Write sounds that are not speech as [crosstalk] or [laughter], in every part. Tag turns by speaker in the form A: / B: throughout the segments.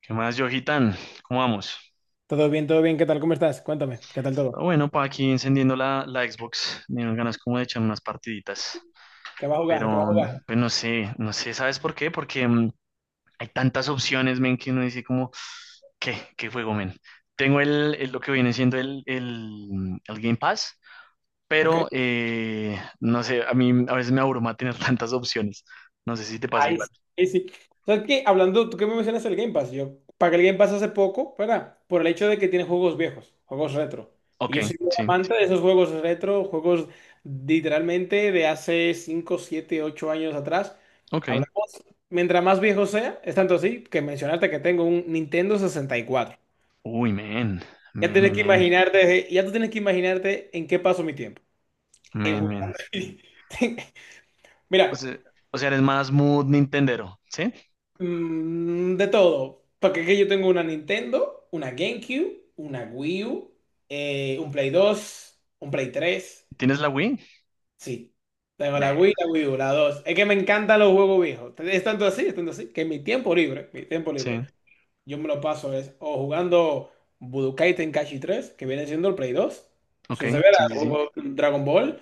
A: ¿Qué más, Johitan? ¿Cómo vamos?
B: Todo bien, todo bien. ¿Qué tal? ¿Cómo estás? Cuéntame, ¿qué tal
A: Ah,
B: todo?
A: bueno, pa' aquí encendiendo la Xbox, me dieron ganas como de echar unas partiditas,
B: ¿Qué va a jugar? ¿Qué va a
A: pero
B: jugar?
A: pues no sé, no sé, ¿sabes por qué? Porque hay tantas opciones, men, que uno dice como, ¿qué? ¿Qué juego, men? Tengo lo que viene siendo el Game Pass,
B: Ok.
A: pero no sé, a mí a veces me abruma tener [laughs] tantas opciones, no sé si te pasa
B: Ahí
A: igual.
B: sí. Ahí sí. ¿Sabes qué? Hablando, tú que me mencionas el Game Pass, yo pagué el Game Pass hace poco, ¿verdad? Por el hecho de que tiene juegos viejos, juegos retro. Y
A: Ok,
B: yo soy un
A: sí,
B: amante de esos juegos retro, juegos literalmente de hace 5 7 8 años atrás.
A: ok.
B: Hablamos, mientras más viejo sea, es tanto así que mencionaste que tengo un Nintendo 64.
A: Uy, men,
B: Ya
A: men,
B: tienes
A: men,
B: que
A: men,
B: imaginarte, ya tú tienes que imaginarte en qué paso mi tiempo. En
A: men, men.
B: jugar. [laughs]
A: O
B: Mira,
A: sea, o sea, eres más mood Nintendero, ¿sí?
B: de todo. Porque es que yo tengo una Nintendo, una GameCube, una Wii U, un Play 2, un Play 3.
A: ¿Tienes la Wii?
B: Sí. Tengo
A: Man,
B: la Wii U, la 2. Es que me encantan los juegos viejos. Es tanto así, que en mi tiempo libre,
A: sí,
B: yo me lo paso, es o jugando Budokai Tenkaichi 3 que viene siendo el Play 2.
A: ok,
B: Eso se verá,
A: sí, sí, sí.
B: juego Dragon Ball,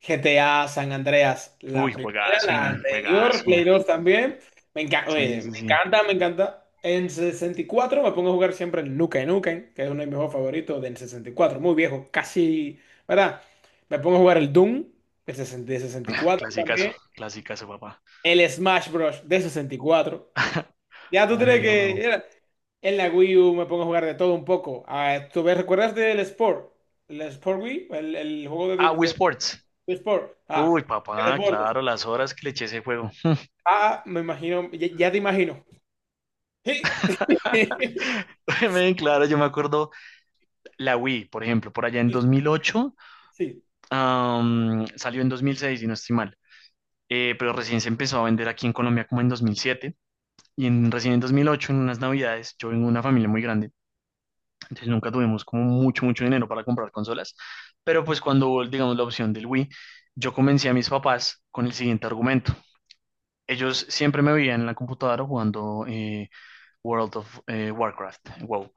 B: GTA San Andreas, la
A: Uy,
B: primera,
A: juegazo,
B: la
A: man,
B: anterior, Play
A: juegazo.
B: 2 también. Me encanta,
A: Sí,
B: oye,
A: sí,
B: me
A: sí.
B: encanta, me encanta. En 64 me pongo a jugar siempre el Nukem Nukem, que es uno de mis juegos favoritos del 64 muy viejo, casi, ¿verdad? Me pongo a jugar el Doom, el 60 de sesenta y
A: Ah,
B: cuatro
A: clasicazo,
B: también.
A: clasicazo, papá.
B: El Smash Bros. De 64.
A: [laughs]
B: Ya tú tienes
A: También lo
B: que.
A: juego.
B: En la Wii U me pongo a jugar de todo un poco. Ah, ¿tú recuerdas del Sport? ¿El Sport Wii? ¿El juego
A: Ah, Wii Sports.
B: de Sport?
A: Uy,
B: Ah, de
A: papá,
B: deportes.
A: claro, las horas que le eché a ese juego.
B: Ah, me imagino, ya, ya te imagino. Sí,
A: [laughs]
B: [laughs]
A: Men, claro, yo me acuerdo la Wii, por ejemplo, por allá en 2008,
B: sí, sí,
A: salió en 2006, si no estoy mal. Pero recién se empezó a vender aquí en Colombia como en 2007. Y recién en 2008, en unas navidades, yo vengo de una familia muy grande, entonces nunca tuvimos como mucho, mucho dinero para comprar consolas, pero pues cuando hubo, digamos, la opción del Wii, yo convencí a mis papás con el siguiente argumento. Ellos siempre me veían en la computadora jugando World of Warcraft, WoW,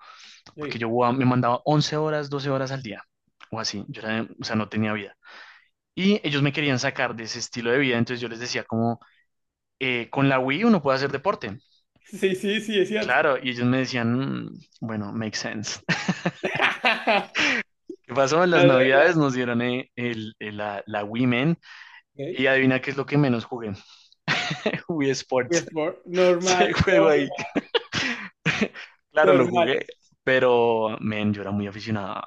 A: porque me mandaba 11 horas, 12 horas al día, o así, o sea, no tenía vida. Y ellos me querían sacar de ese estilo de vida, entonces yo les decía como, con la Wii uno puede hacer deporte.
B: sí, sí, sí, es cierto.
A: Claro, y ellos me decían, "Mm, bueno, makes sense."
B: [laughs]
A: ¿Qué pasó? En las
B: Claro, claro.
A: navidades nos dieron la Wii, men,
B: Ok.
A: y adivina qué es lo que menos jugué. [laughs] Wii
B: Wii
A: Sports.
B: Sport,
A: [laughs] Se
B: normal,
A: juego ahí.
B: normal,
A: [laughs] Claro, lo
B: normal.
A: jugué, pero men, yo era muy aficionado.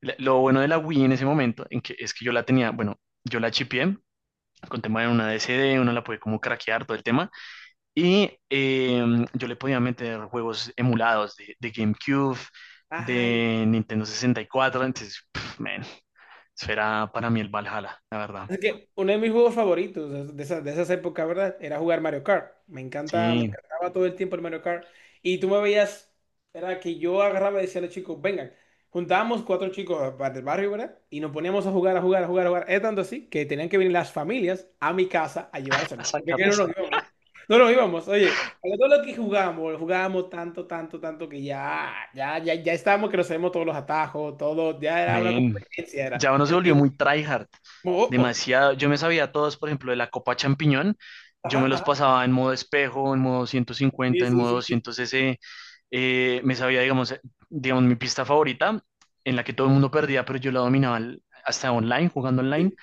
A: Lo bueno de la Wii en ese momento en que, es que yo la tenía, bueno, yo la chipié con tema de una DCD, uno la puede como craquear todo el tema y yo le podía meter juegos emulados de GameCube,
B: Ay,
A: de Nintendo 64, entonces, pff, men, eso era para mí el Valhalla, la verdad.
B: es que uno de mis juegos favoritos es de esas épocas, ¿verdad? Era jugar Mario Kart. Me encanta, me
A: Sí,
B: encantaba todo el tiempo el Mario Kart. Y tú me veías, era que yo agarraba y decía a los chicos, vengan, juntábamos cuatro chicos del barrio, ¿verdad? Y nos poníamos a jugar, a jugar, a jugar, a jugar. Es tanto así que tenían que venir las familias a mi casa a
A: [laughs]
B: llevarse.
A: a
B: Porque es que no
A: sacarlos.
B: nos íbamos. No nos íbamos, oye, pero todo lo que jugamos jugábamos tanto, tanto, tanto que ya, ya, ya, ya estábamos que nos sabemos todos los atajos, todo, ya era una
A: Men,
B: competencia,
A: ya
B: era.
A: uno se volvió muy tryhard.
B: Oh, oh,
A: Demasiado. Yo me sabía todos, por ejemplo, de la Copa Champiñón. Yo me los
B: ajá,
A: pasaba en modo espejo, en modo ciento
B: sí,
A: cincuenta, en
B: sí,
A: modo
B: sí, sí,
A: 200 cc. Me sabía, digamos, mi pista favorita, en la que todo el mundo perdía, pero yo la dominaba hasta online, jugando online,
B: sí.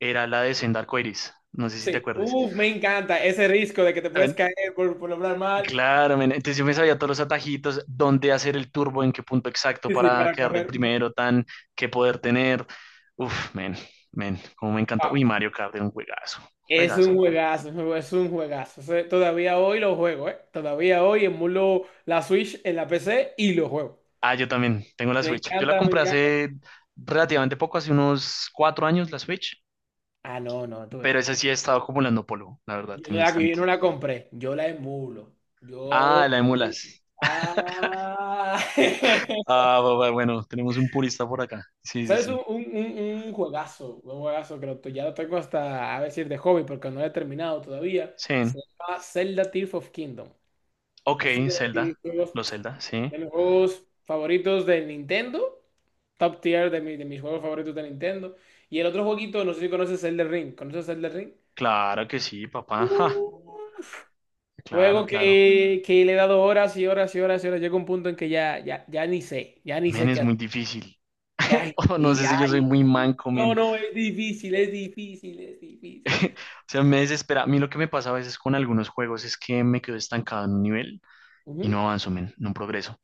A: era la de Senda Arcoiris. No sé si te
B: Sí.
A: acuerdes.
B: Uf, me encanta ese riesgo de que te puedes caer por hablar mal.
A: Claro, men, entonces yo me sabía todos los atajitos, dónde hacer el turbo, en qué punto exacto
B: Sí, sí,
A: para
B: para
A: quedar de
B: correr. Wow.
A: primero, tan, qué poder tener. Uf, men, men, como me encanta. Uy, Mario Kart era un juegazo,
B: Es
A: juegazo,
B: un
A: pa.
B: juegazo, es un es un juegazo. O sea, todavía hoy lo juego, ¿eh? Todavía hoy emulo la Switch en la PC y lo juego.
A: Ah, yo también tengo la
B: Me
A: Switch. Yo la
B: encanta, me
A: compré
B: encanta.
A: hace relativamente poco, hace unos 4 años la Switch,
B: Ah, no, no, tú ves.
A: pero esa sí he estado acumulando polvo, la verdad,
B: Yo,
A: en
B: no
A: mi
B: la, yo
A: estante.
B: no la compré, yo la emulo. Yo.
A: Ah, la emulas.
B: Ah. [laughs]
A: Ah, bueno, tenemos un purista por acá. Sí, sí,
B: ¿Sabes? Un,
A: sí.
B: un, un- un juegazo, un juegazo que ya lo tengo hasta, a decir, de hobby, porque no lo he terminado todavía.
A: Sí.
B: Se llama Zelda Tears of Kingdom.
A: Ok,
B: Es uno
A: Zelda, los Zelda, sí.
B: de mis juegos favoritos de Nintendo, top tier de mis juegos favoritos de Nintendo. Y el otro jueguito, no sé si conoces Zelda Ring. ¿Conoces Zelda Ring?
A: Claro que sí, papá. [laughs]
B: Uf.
A: Claro,
B: Juego
A: claro.
B: que le he dado horas y horas y horas y horas. Llega un punto en que ya, ya, ya ni
A: Men,
B: sé
A: es
B: qué
A: muy
B: hacer.
A: difícil. [laughs]
B: Ay,
A: O no
B: sí,
A: sé si yo soy
B: ay,
A: muy
B: sí.
A: manco,
B: No,
A: men.
B: no, es difícil, es difícil, es difícil.
A: [laughs] O sea, me desespera. A mí lo que me pasa a veces con algunos juegos es que me quedo estancado en un nivel y
B: Ujú.
A: no avanzo, men, no progreso.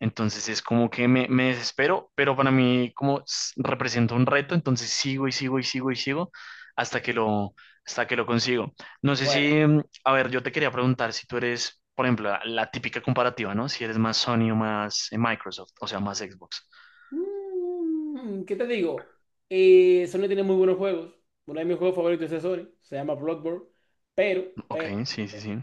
A: Entonces es como que me desespero, pero para mí como representa un reto, entonces sigo y sigo y sigo y sigo hasta que lo, hasta que lo consigo. No sé
B: Bueno,
A: si, a ver, yo te quería preguntar si tú eres, por ejemplo, la típica comparativa, ¿no? Si eres más Sony o más Microsoft, o sea, más Xbox.
B: ¿Qué te digo? Sony tiene muy buenos juegos. Uno de mis juegos favoritos es de Sony, se llama Bloodborne, pero,
A: Ok,
B: pero,
A: sí, sí, sí.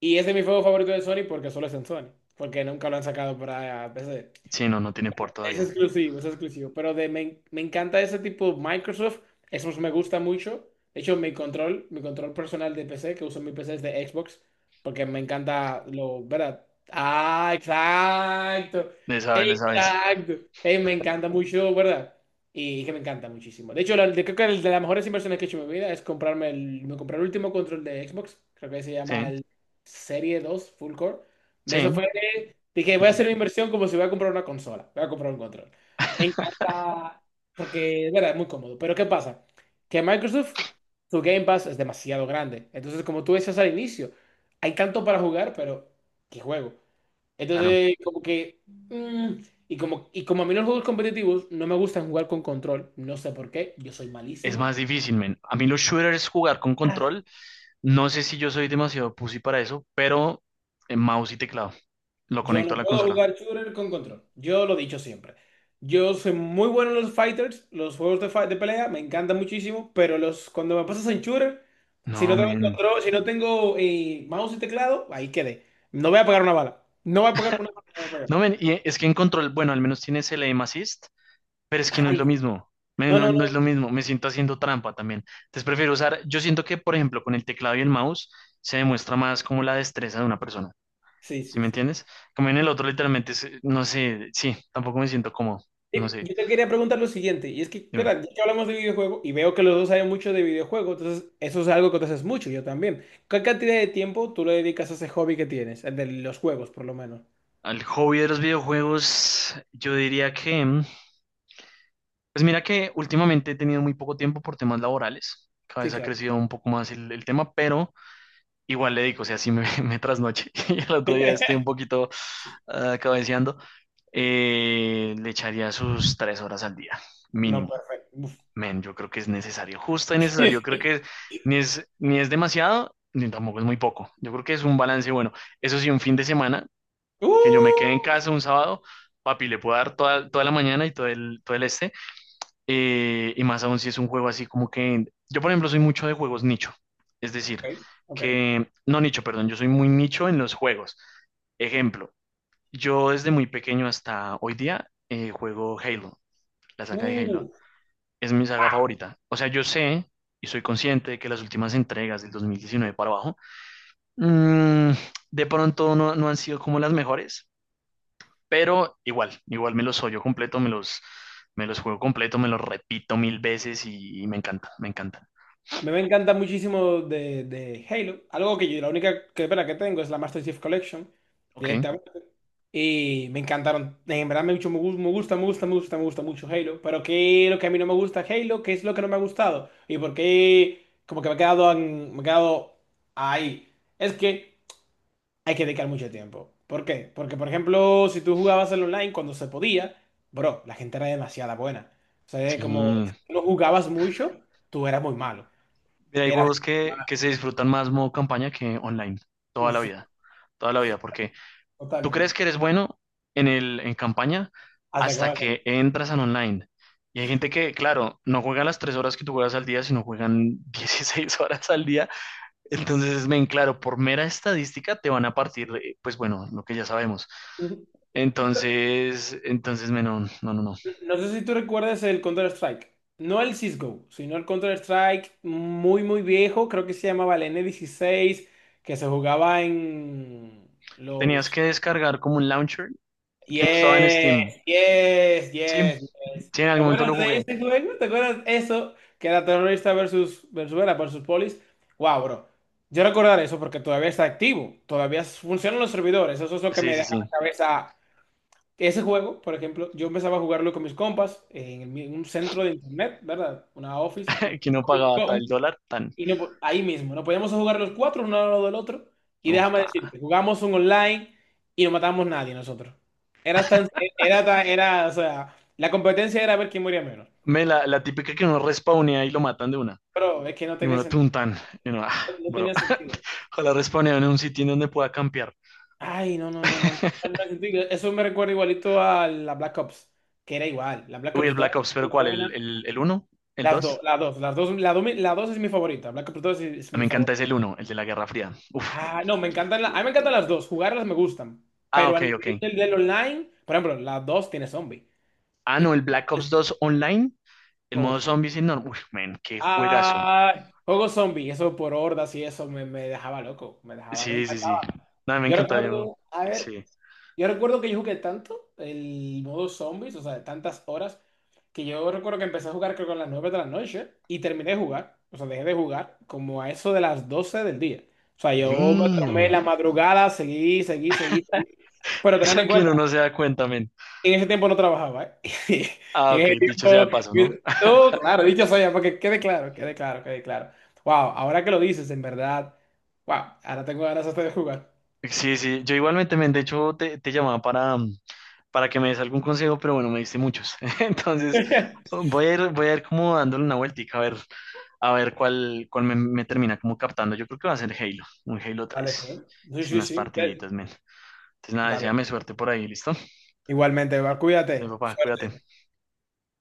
B: y ese es mi juego favorito de Sony porque solo es en Sony, porque nunca lo han sacado para PC.
A: Sí, no, no tiene por
B: Es
A: todavía.
B: exclusivo, es exclusivo. Pero me encanta ese tipo Microsoft. Eso me gusta mucho. De hecho, mi control personal de PC, que uso en mi PC es de Xbox, porque me encanta lo, ¿verdad? Ah, exacto.
A: Le sabes, le sabes.
B: Exacto. Me encanta mucho, ¿verdad? Y que me encanta muchísimo. De hecho, creo que el de las mejores inversiones que he hecho en mi vida es comprarme me compré el último control de Xbox. Creo que se
A: Sí,
B: llama el Serie 2 Full Core. De eso
A: sí,
B: fue. Dije, voy a hacer una inversión como si voy a comprar una consola, voy a comprar un control. Me
A: [laughs]
B: encanta porque, es verdad, es muy cómodo. Pero ¿qué pasa? Que Microsoft, su Game Pass es demasiado grande. Entonces, como tú decías al inicio, hay tanto para jugar, pero ¿qué juego?
A: claro.
B: Entonces, como que, y como a mí los juegos competitivos no me gustan jugar con control, no sé por qué, yo soy
A: Es
B: malísimo.
A: más difícil, men. A mí los shooters jugar con control, no sé si yo soy demasiado pussy para eso, pero en mouse y teclado. Lo
B: Yo
A: conecto a
B: no
A: la
B: puedo
A: consola.
B: jugar shooter con control. Yo lo he dicho siempre. Yo soy muy bueno en los fighters, los juegos de pelea, me encantan muchísimo, pero cuando me pasas en shooter, si
A: No,
B: no tengo
A: men.
B: control, si no tengo mouse y teclado, ahí quedé. No voy a pegar una bala. No voy a pegar una bala. No voy a pegar.
A: No, men, y es que en control, bueno, al menos tienes el aim assist, pero es que no es lo
B: Ay,
A: mismo. Men,
B: no,
A: no,
B: no, no.
A: no es lo mismo, me siento haciendo trampa también. Entonces prefiero usar, yo siento que, por ejemplo, con el teclado y el mouse se demuestra más como la destreza de una persona.
B: Sí,
A: ¿Sí
B: sí,
A: me
B: sí.
A: entiendes? Como en el otro, literalmente, es, no sé, sí, tampoco me siento cómodo. No
B: Y
A: sé,
B: yo te quería preguntar lo siguiente, y es que,
A: dime.
B: espera, ya que hablamos de videojuegos y veo que los dos saben mucho de videojuegos, entonces eso es algo que tú haces mucho, yo también. ¿Qué cantidad de tiempo tú le dedicas a ese hobby que tienes, el de los juegos, por lo menos?
A: Al hobby de los videojuegos, yo diría que, pues mira que últimamente he tenido muy poco tiempo por temas laborales. Cada
B: Sí,
A: vez ha
B: claro.
A: crecido un poco más el tema, pero igual le digo, o sea, sí me, [laughs] me trasnoche [laughs] y el otro día estoy un
B: [laughs]
A: poquito cabeceando. Le echaría sus 3 horas al día,
B: No,
A: mínimo.
B: perfecto. Uf.
A: Men, yo creo que es necesario, justo y necesario. Creo que
B: [laughs]
A: ni es demasiado, ni tampoco es muy poco. Yo creo que es un balance bueno. Eso sí, un fin de semana, que yo me quede
B: Uh,
A: en casa un sábado, papi, le puedo dar toda, toda la mañana y todo el este. Y más aún si es un juego así como que... Yo, por ejemplo, soy mucho de juegos nicho. Es decir,
B: ok, ok.
A: que... No nicho, perdón, yo soy muy nicho en los juegos. Ejemplo, yo desde muy pequeño hasta hoy día juego Halo, la saga de
B: Uh,
A: Halo es mi saga favorita. O sea, yo sé y soy consciente de que las últimas entregas del 2019 para abajo, mm, de pronto no, no han sido como las mejores, pero igual, igual me los yo completo, me los juego completo, me los repito mil veces y me encanta, me encanta.
B: me encanta muchísimo de Halo. Algo que yo, la única que, pena que tengo es la Master Chief Collection
A: Ok,
B: directamente. Y me encantaron. En verdad me mucho, me gusta, me gusta, me gusta, me gusta mucho Halo. Pero ¿qué es lo que a mí no me gusta Halo? ¿Qué es lo que no me ha gustado? ¿Y por qué como que me he quedado, me he quedado ahí? Es que hay que dedicar mucho tiempo. ¿Por qué? Porque, por ejemplo, si tú jugabas en online cuando se podía, bro, la gente era demasiada buena. O sea, es
A: sí.
B: como si
A: Mira,
B: tú no jugabas mucho, tú eras muy malo.
A: hay
B: Eras,
A: juegos que se disfrutan más modo campaña que online, toda la
B: uf, sí,
A: vida, toda la vida,
B: sí,
A: porque tú crees
B: totalmente.
A: que eres bueno en campaña
B: Hasta que
A: hasta
B: vas
A: que entras al online. Y hay gente que, claro, no juega las 3 horas que tú juegas al día, sino juegan [laughs] 16 horas al día. Entonces, ven, claro, por mera estadística te van a partir, pues bueno, lo que ya sabemos.
B: Ujú.
A: Entonces, men, no, no, no, no.
B: No sé si tú recuerdas el Counter-Strike. No el CSGO, sino el Counter-Strike muy, muy viejo. Creo que se llamaba el N16, que se jugaba en
A: Tenías
B: los.
A: que descargar como un launcher que no estaba en
B: Yes,
A: Steam.
B: yes,
A: Sí,
B: yes, yes.
A: sí, en
B: ¿Te
A: algún momento lo
B: acuerdas de
A: jugué.
B: ese juego? ¿Te acuerdas eso? Que era terrorista versus Venezuela versus polis. Wow, bro. Yo recordar eso porque todavía está activo. Todavía funcionan los servidores. Eso es lo que
A: Sí,
B: me
A: sí,
B: deja
A: sí.
B: la cabeza. Ese juego, por ejemplo, yo empezaba a jugarlo con mis compas en el un centro de internet, ¿verdad? Una office,
A: [laughs]
B: un
A: Que uno pagaba tal dólar, tan.
B: y no, ahí mismo, nos poníamos a jugar los cuatro, uno al lado del otro. Y
A: Uf,
B: déjame
A: me
B: decirte, jugamos un online y no matamos nadie nosotros. Era tan, era, o sea, la competencia era ver quién moría menos.
A: la típica que uno respawnea y lo matan de una.
B: Pero es que no
A: Y
B: tenía
A: uno
B: sentido,
A: tuntan. Y uno, ah,
B: no
A: bro.
B: tenía sentido.
A: [laughs] Ojalá respawneo en un sitio en donde pueda campear.
B: Ay, no, no, no, no, no, no
A: [laughs]
B: tenía sentido. Eso me recuerda igualito a la Black Ops, que era igual. La Black
A: Uy, el
B: Ops 2
A: Black Ops, pero
B: muy
A: ¿cuál? ¿El,
B: buena.
A: el, el uno? ¿El
B: Las dos,
A: 2?
B: las dos, las dos, la dos, la dos es mi favorita. Black Ops 2 es
A: Me
B: mi
A: encanta ese
B: favorita.
A: el uno el de la Guerra Fría. Uf, man,
B: Ah, no, me
A: qué
B: encantan, a mí me
A: juegote.
B: encantan las dos, jugarlas me gustan,
A: Ah,
B: pero a
A: ok, ok.
B: nivel del online, por ejemplo, las dos tiene zombie.
A: Ah, no, el
B: Y-
A: Black
B: y-
A: Ops dos online. El modo
B: Uf.
A: zombies enorme. Uf, man, qué juegazo.
B: Ah, juego zombie, eso por hordas y eso me dejaba loco, me dejaba, me
A: Sí, sí, sí.
B: encantaba.
A: No, me
B: Yo
A: encanta. Yo...
B: recuerdo, a ver,
A: Sí.
B: yo recuerdo que yo jugué tanto el modo zombies, o sea, de tantas horas, que yo recuerdo que empecé a jugar creo que a las 9 de la noche y terminé de jugar, o sea, dejé de jugar como a eso de las 12 del día. O sea, yo me tomé
A: Damn.
B: la madrugada, seguí, seguí, seguí.
A: [laughs]
B: Pero tener
A: Eso
B: en
A: que
B: cuenta,
A: uno no se da cuenta, men.
B: en ese tiempo no trabajaba, ¿eh? [laughs]
A: Ah,
B: En
A: ok,
B: ese
A: dicho sea de
B: tiempo,
A: paso, ¿no?
B: no, claro, dicho sea, porque quede claro, quede claro, quede claro. Wow, ahora que lo dices, en verdad, wow, ahora tengo ganas hasta de jugar.
A: Sí, sí, yo igualmente, men, de hecho te llamaba para, para que me des algún consejo, pero bueno, me diste muchos. [laughs] Entonces,
B: [laughs]
A: voy a ir como dándole una vueltica a ver cuál me termina como captando. Yo creo que va a ser Halo, un Halo
B: Vale,
A: tres,
B: pues.
A: sí,
B: Sí, sí,
A: unas
B: sí.
A: partiditas, men. Entonces, nada,
B: Está bien.
A: deséame suerte por ahí, ¿listo?
B: Igualmente, Eva,
A: Entonces,
B: cuídate.
A: papá, cuídate.
B: Suerte.